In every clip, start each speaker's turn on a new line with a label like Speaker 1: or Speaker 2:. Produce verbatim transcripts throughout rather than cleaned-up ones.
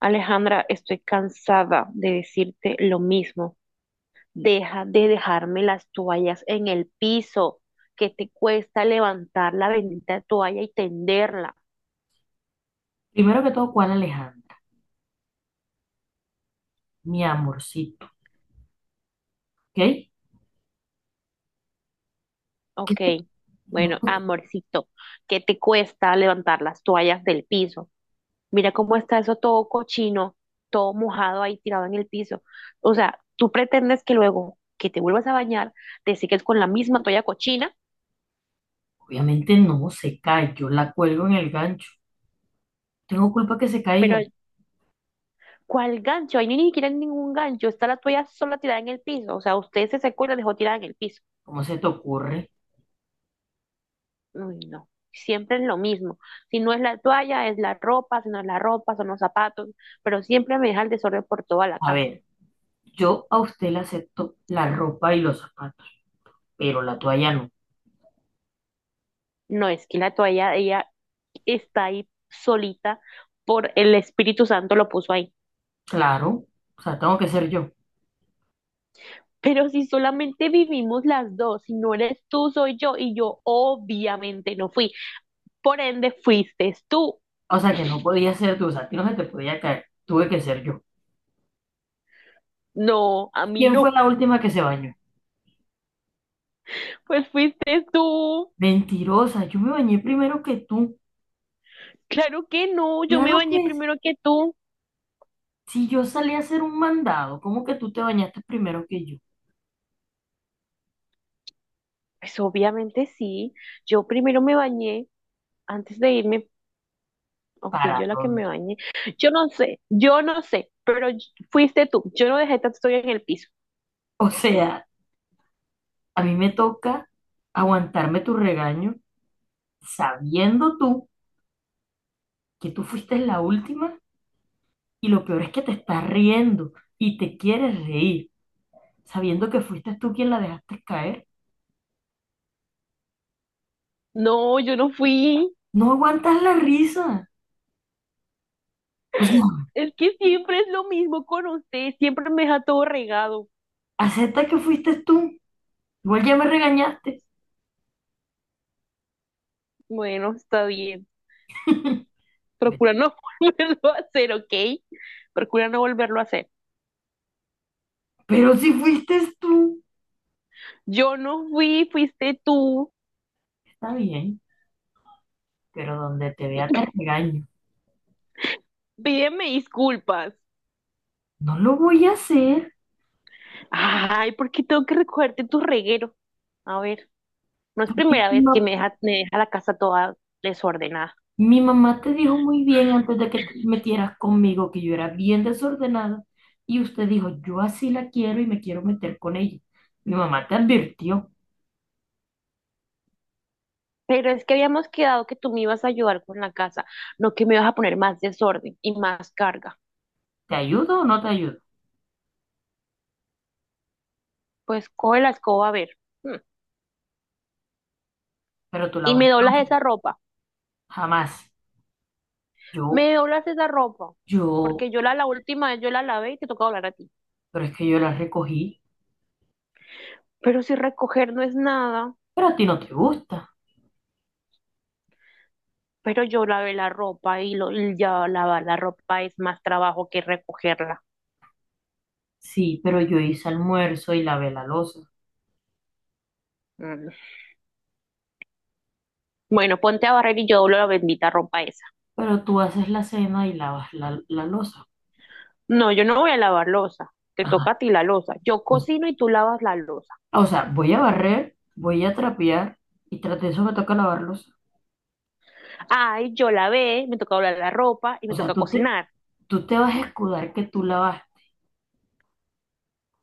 Speaker 1: Alejandra, estoy cansada de decirte lo mismo. Deja de dejarme las toallas en el piso, que te cuesta levantar la bendita toalla y tenderla.
Speaker 2: Primero que todo, ¿cuál Alejandra? Mi amorcito, ¿ok? ¿Qué
Speaker 1: Ok,
Speaker 2: te- no,
Speaker 1: bueno, amorcito, ¿qué te cuesta levantar las toallas del piso? Mira cómo está eso todo cochino, todo mojado ahí tirado en el piso. O sea, tú pretendes que luego que te vuelvas a bañar, te sigues con la misma toalla cochina.
Speaker 2: obviamente no se cae, yo la cuelgo en el gancho. Tengo culpa que se caiga.
Speaker 1: Pero ¿Cuál gancho? Ahí no hay ni siquiera ningún gancho. Está la toalla sola tirada en el piso. O sea, usted se secó y la dejó tirada en el piso.
Speaker 2: ¿Cómo se te ocurre?
Speaker 1: Uy, no. Siempre es lo mismo. Si no es la toalla, es la ropa. Si no es la ropa, son los zapatos. Pero siempre me deja el desorden por toda la
Speaker 2: A
Speaker 1: casa.
Speaker 2: ver, yo a usted le acepto la ropa y los zapatos, pero la toalla no.
Speaker 1: No, es que la toalla, ella está ahí solita, por el Espíritu Santo lo puso ahí.
Speaker 2: Claro, o sea, tengo que ser yo.
Speaker 1: Pero si solamente vivimos las dos, si no eres tú, soy yo, y yo obviamente no fui. Por ende, fuiste tú.
Speaker 2: O sea, que no podía ser tú, o sea, a ti no se te podía caer, tuve que ser yo.
Speaker 1: No, a mí
Speaker 2: ¿Quién
Speaker 1: no.
Speaker 2: fue la última que se bañó?
Speaker 1: Pues fuiste tú.
Speaker 2: Mentirosa, yo me bañé primero que tú.
Speaker 1: Claro que no, yo me
Speaker 2: Claro
Speaker 1: bañé
Speaker 2: que sí,
Speaker 1: primero que tú.
Speaker 2: si yo salí a hacer un mandado, ¿cómo que tú te bañaste primero que yo?
Speaker 1: Pues obviamente sí, yo primero me bañé antes de irme, o fui yo
Speaker 2: ¿Para
Speaker 1: la que me
Speaker 2: dónde?
Speaker 1: bañé. Yo no sé, yo no sé, pero y- fuiste tú. Yo no dejé tanto estoy en el piso.
Speaker 2: O sea, a mí me toca aguantarme tu regaño sabiendo tú que tú fuiste la última y lo peor es que te estás riendo y te quieres reír, sabiendo que fuiste tú quien la dejaste caer.
Speaker 1: No, yo no fui.
Speaker 2: No aguantas la risa. O sea,
Speaker 1: Es que siempre es lo mismo con usted, siempre me deja todo regado.
Speaker 2: acepta que fuiste tú. Igual ya me regañaste.
Speaker 1: Bueno, está bien.
Speaker 2: Ve-
Speaker 1: Procura no volverlo a hacer, ¿ok? Procura no volverlo a hacer.
Speaker 2: Pero si fuiste tú,
Speaker 1: Yo no fui, fuiste tú.
Speaker 2: está bien, pero donde te vea te regaño.
Speaker 1: Pídeme disculpas.
Speaker 2: No lo voy a hacer.
Speaker 1: Ay, ¿por qué tengo que recogerte tu reguero? A ver, no es primera vez que
Speaker 2: No.
Speaker 1: me deja, me deja la casa toda desordenada.
Speaker 2: Mi mamá te dijo muy bien antes de que te metieras conmigo que yo era bien desordenada y usted dijo, yo así la quiero y me quiero meter con ella. Mi mamá te advirtió,
Speaker 1: Pero es que habíamos quedado que tú me ibas a ayudar con la casa, no que me ibas a poner más desorden y más carga.
Speaker 2: ¿te ayudo o no te ayudo?
Speaker 1: Pues coge la escoba, a ver. mm,
Speaker 2: Pero tú la
Speaker 1: Y
Speaker 2: vas,
Speaker 1: me doblas esa ropa.
Speaker 2: jamás. Yo,
Speaker 1: Me doblas esa ropa.
Speaker 2: yo,
Speaker 1: Porque yo la, la última vez yo la lavé y te toca doblar a ti.
Speaker 2: pero es que yo la recogí,
Speaker 1: Pero si recoger no es nada.
Speaker 2: pero a ti no te gusta.
Speaker 1: Pero yo lavé la ropa y, lo, y ya lavar la ropa es más trabajo que recogerla.
Speaker 2: Sí, pero yo hice almuerzo y lavé la loza.
Speaker 1: Mm. Bueno, ponte a barrer y yo doblo la bendita ropa esa.
Speaker 2: Pero tú haces la cena y lavas la, la loza.
Speaker 1: No, yo no voy a lavar losa. Te
Speaker 2: Ajá,
Speaker 1: toca a ti la losa. Yo
Speaker 2: entonces,
Speaker 1: cocino y tú lavas la losa.
Speaker 2: o sea, voy a barrer, voy a trapear y tras de eso me toca lavar loza.
Speaker 1: Ay, yo lavé, me toca doblar la ropa y
Speaker 2: O
Speaker 1: me
Speaker 2: sea,
Speaker 1: toca
Speaker 2: tú te,
Speaker 1: cocinar.
Speaker 2: tú te vas a escudar que tú la vas.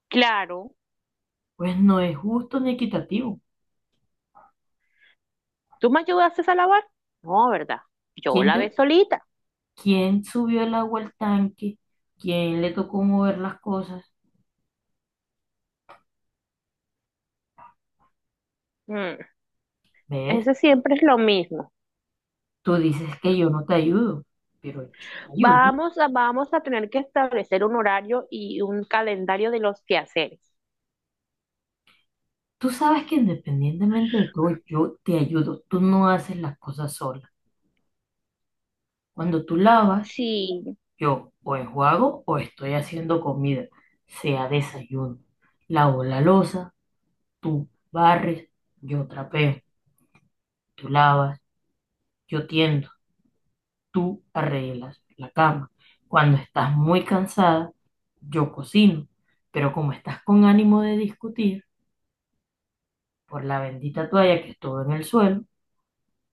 Speaker 1: Claro.
Speaker 2: Pues no es justo ni equitativo.
Speaker 1: ¿Tú me ayudaste a lavar? No, ¿verdad? Yo
Speaker 2: ¿Quién, te-
Speaker 1: lavé solita.
Speaker 2: quién subió el agua al tanque? ¿Quién le tocó mover las cosas?
Speaker 1: Mm,
Speaker 2: ¿Ves?
Speaker 1: ese siempre es lo mismo.
Speaker 2: Tú dices que yo no te ayudo, pero yo te ayudo.
Speaker 1: Vamos a, vamos a tener que establecer un horario y un calendario de los quehaceres.
Speaker 2: Tú sabes que independientemente de todo, yo te ayudo. Tú no haces las cosas sola. Cuando tú lavas,
Speaker 1: Sí,
Speaker 2: yo o enjuago o estoy haciendo comida, sea desayuno. Lavo la loza, tú barres, yo trapeo, tú lavas, yo tiendo. Tú arreglas la cama. Cuando estás muy cansada, yo cocino, pero como estás con ánimo de discutir por la bendita toalla que estuvo en el suelo,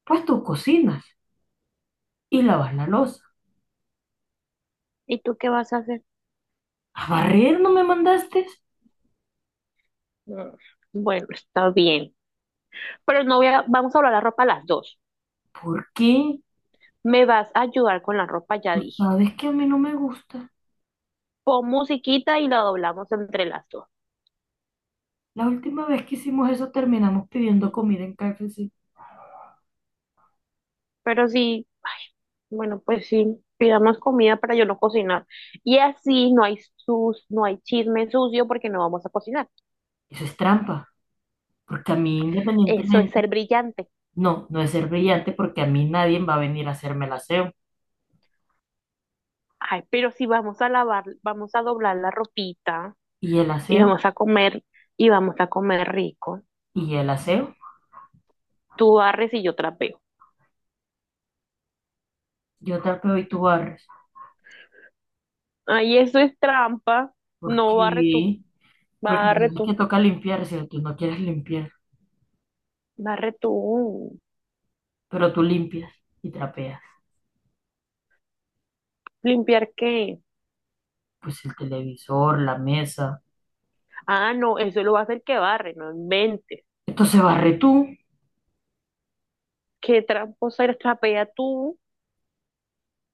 Speaker 2: pues tú cocinas y lavas la loza.
Speaker 1: ¿Y tú qué vas a hacer?
Speaker 2: ¿A barrer no me mandaste?
Speaker 1: Mm, Bueno, está bien. Pero no voy a, vamos a doblar la ropa a las dos.
Speaker 2: ¿Por qué?
Speaker 1: Me vas a ayudar con la ropa, ya
Speaker 2: Tú
Speaker 1: dije.
Speaker 2: sabes que a mí no me gusta.
Speaker 1: Pon musiquita y la doblamos entre las dos.
Speaker 2: La última vez que hicimos eso terminamos pidiendo comida en K F C.
Speaker 1: Pero sí, bueno, pues sí, pidamos comida para yo no cocinar. Y así no hay sus, no hay chisme sucio porque no vamos a cocinar.
Speaker 2: Eso es trampa, porque a mí
Speaker 1: Eso es
Speaker 2: independientemente,
Speaker 1: ser brillante.
Speaker 2: no, no es ser brillante porque a mí nadie va a venir a hacerme el aseo.
Speaker 1: Ay, pero si vamos a lavar, vamos a doblar la ropita
Speaker 2: ¿Y el
Speaker 1: y
Speaker 2: aseo?
Speaker 1: vamos a comer, y vamos a comer rico.
Speaker 2: ¿Y el aseo?
Speaker 1: Tú barres y yo trapeo.
Speaker 2: Yo tapeo y tú barres.
Speaker 1: Ay, eso es trampa.
Speaker 2: ¿Por
Speaker 1: No, barre tú,
Speaker 2: qué? Porque
Speaker 1: barre
Speaker 2: además que
Speaker 1: tú,
Speaker 2: toca limpiarse, tú no quieres limpiar,
Speaker 1: barre tú.
Speaker 2: pero tú limpias y trapeas.
Speaker 1: ¿Limpiar qué?
Speaker 2: Pues el televisor, la mesa.
Speaker 1: Ah, no, eso lo va a hacer que barre, no inventes.
Speaker 2: Entonces barre tú,
Speaker 1: ¿Qué tramposa eres? Trapea tú.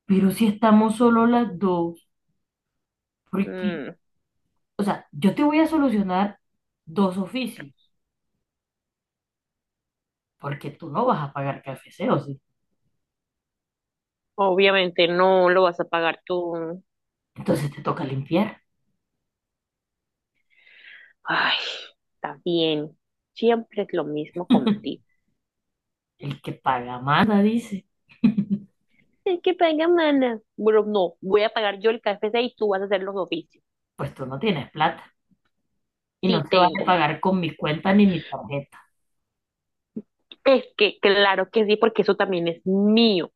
Speaker 2: pero si estamos solo las dos, porque,
Speaker 1: Mm,
Speaker 2: o sea, yo te voy a solucionar dos oficios, porque tú no vas a pagar café o sí.
Speaker 1: obviamente no lo vas a pagar tú.
Speaker 2: Entonces te toca limpiar.
Speaker 1: Ay, está bien. Siempre es lo mismo contigo.
Speaker 2: El que paga manda, dice.
Speaker 1: Es que paga, mana. Bueno, no, voy a pagar yo el K F C y tú vas a hacer los oficios.
Speaker 2: Pues tú no tienes plata y no
Speaker 1: Sí,
Speaker 2: se vale
Speaker 1: tengo.
Speaker 2: pagar con mi cuenta ni mi tarjeta.
Speaker 1: Es que claro que sí, porque eso también es mío.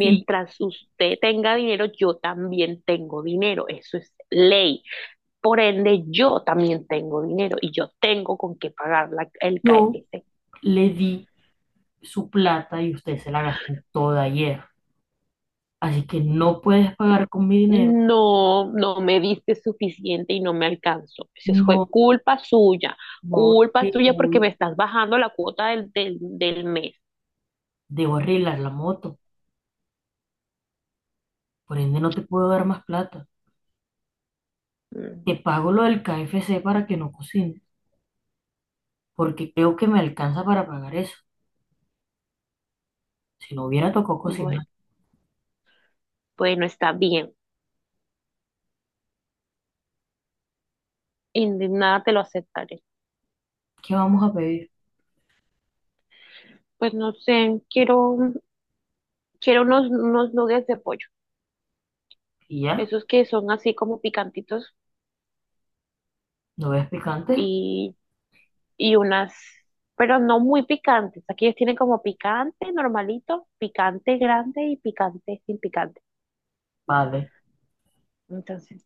Speaker 2: Si
Speaker 1: usted tenga dinero, yo también tengo dinero. Eso es ley. Por ende, yo también tengo dinero y yo tengo con qué pagar la- el K
Speaker 2: yo
Speaker 1: F C
Speaker 2: le di su plata y usted se la gastó toda ayer. Así que no puedes pagar con mi dinero.
Speaker 1: No, no me diste suficiente y no me alcanzó. Eso fue
Speaker 2: No,
Speaker 1: culpa suya,
Speaker 2: no
Speaker 1: culpa
Speaker 2: te
Speaker 1: suya porque me
Speaker 2: voy-
Speaker 1: estás bajando la cuota del, del, del mes.
Speaker 2: debo arreglar la moto. Por ende, no te puedo dar más plata.
Speaker 1: Mm,
Speaker 2: Te pago lo del K F C para que no cocines, porque creo que me alcanza para pagar eso. Si no hubiera tocado
Speaker 1: Bueno,
Speaker 2: cocinar,
Speaker 1: bueno, está bien. Indignada te lo aceptaré.
Speaker 2: ¿qué vamos a pedir?
Speaker 1: Pues no sé, quiero Quiero unos, unos nuggets de pollo,
Speaker 2: ¿Y ya?
Speaker 1: esos que son así como picantitos
Speaker 2: ¿No ves picante?
Speaker 1: y, y unas, pero no muy picantes. Aquí ellos tienen como picante normalito, picante grande y picante sin picante.
Speaker 2: Vale.
Speaker 1: Entonces,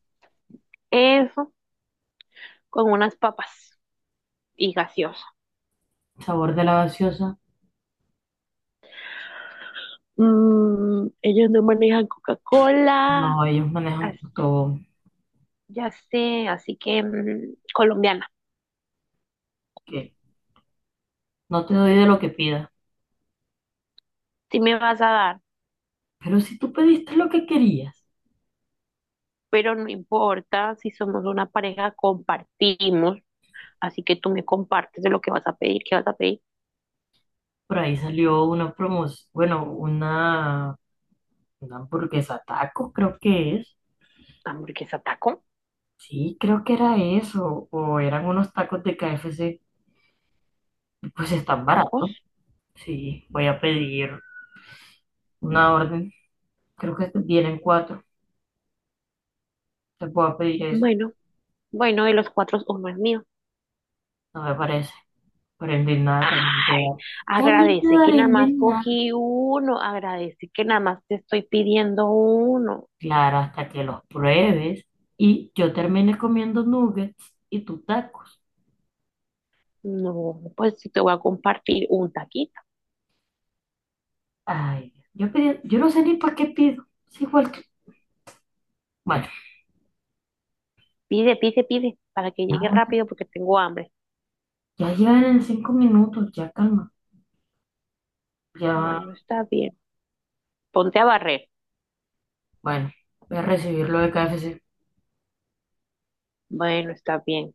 Speaker 1: eso con unas papas y gaseosa.
Speaker 2: ¿Sabor de la gaseosa?
Speaker 1: Mm, ellos no manejan Coca-Cola.
Speaker 2: No, ellos
Speaker 1: as-
Speaker 2: manejan todo.
Speaker 1: ya sé, así que mm, colombiana.
Speaker 2: ¿Qué? No te doy de lo que pidas.
Speaker 1: Sí me vas a dar,
Speaker 2: Pero si tú pediste lo que querías.
Speaker 1: pero no importa, si somos una pareja, compartimos. Así que tú me compartes de lo que vas a pedir, qué vas a pedir.
Speaker 2: Por ahí salió una promoción, bueno, una, una hamburguesa taco, creo que es.
Speaker 1: Hamburguesa, taco,
Speaker 2: Sí, creo que era eso. O eran unos tacos de K F C. Pues están
Speaker 1: tacos.
Speaker 2: baratos. Sí, voy a pedir una orden. Creo que este, vienen cuatro. Te puedo pedir eso.
Speaker 1: Bueno, bueno, de los cuatro, uno es mío.
Speaker 2: No me parece. Pero en nada también te
Speaker 1: Ay,
Speaker 2: da. También te
Speaker 1: agradece que
Speaker 2: daré
Speaker 1: nada más
Speaker 2: en nada.
Speaker 1: cogí uno, agradece que nada más te estoy pidiendo uno.
Speaker 2: Claro, hasta que los pruebes y yo termine comiendo nuggets y tú tacos.
Speaker 1: No, pues sí te voy a compartir un taquito.
Speaker 2: Ay, yo pedí, yo no sé ni para qué pido. Es igual que. Bueno.
Speaker 1: Pide, pide, pide, para que
Speaker 2: Ah,
Speaker 1: llegue
Speaker 2: bueno,
Speaker 1: rápido porque tengo hambre.
Speaker 2: ya llegan en cinco minutos, ya calma. Ya,
Speaker 1: Bueno, está bien. Ponte a barrer.
Speaker 2: bueno, voy a recibir lo de K F C.
Speaker 1: Bueno, está bien.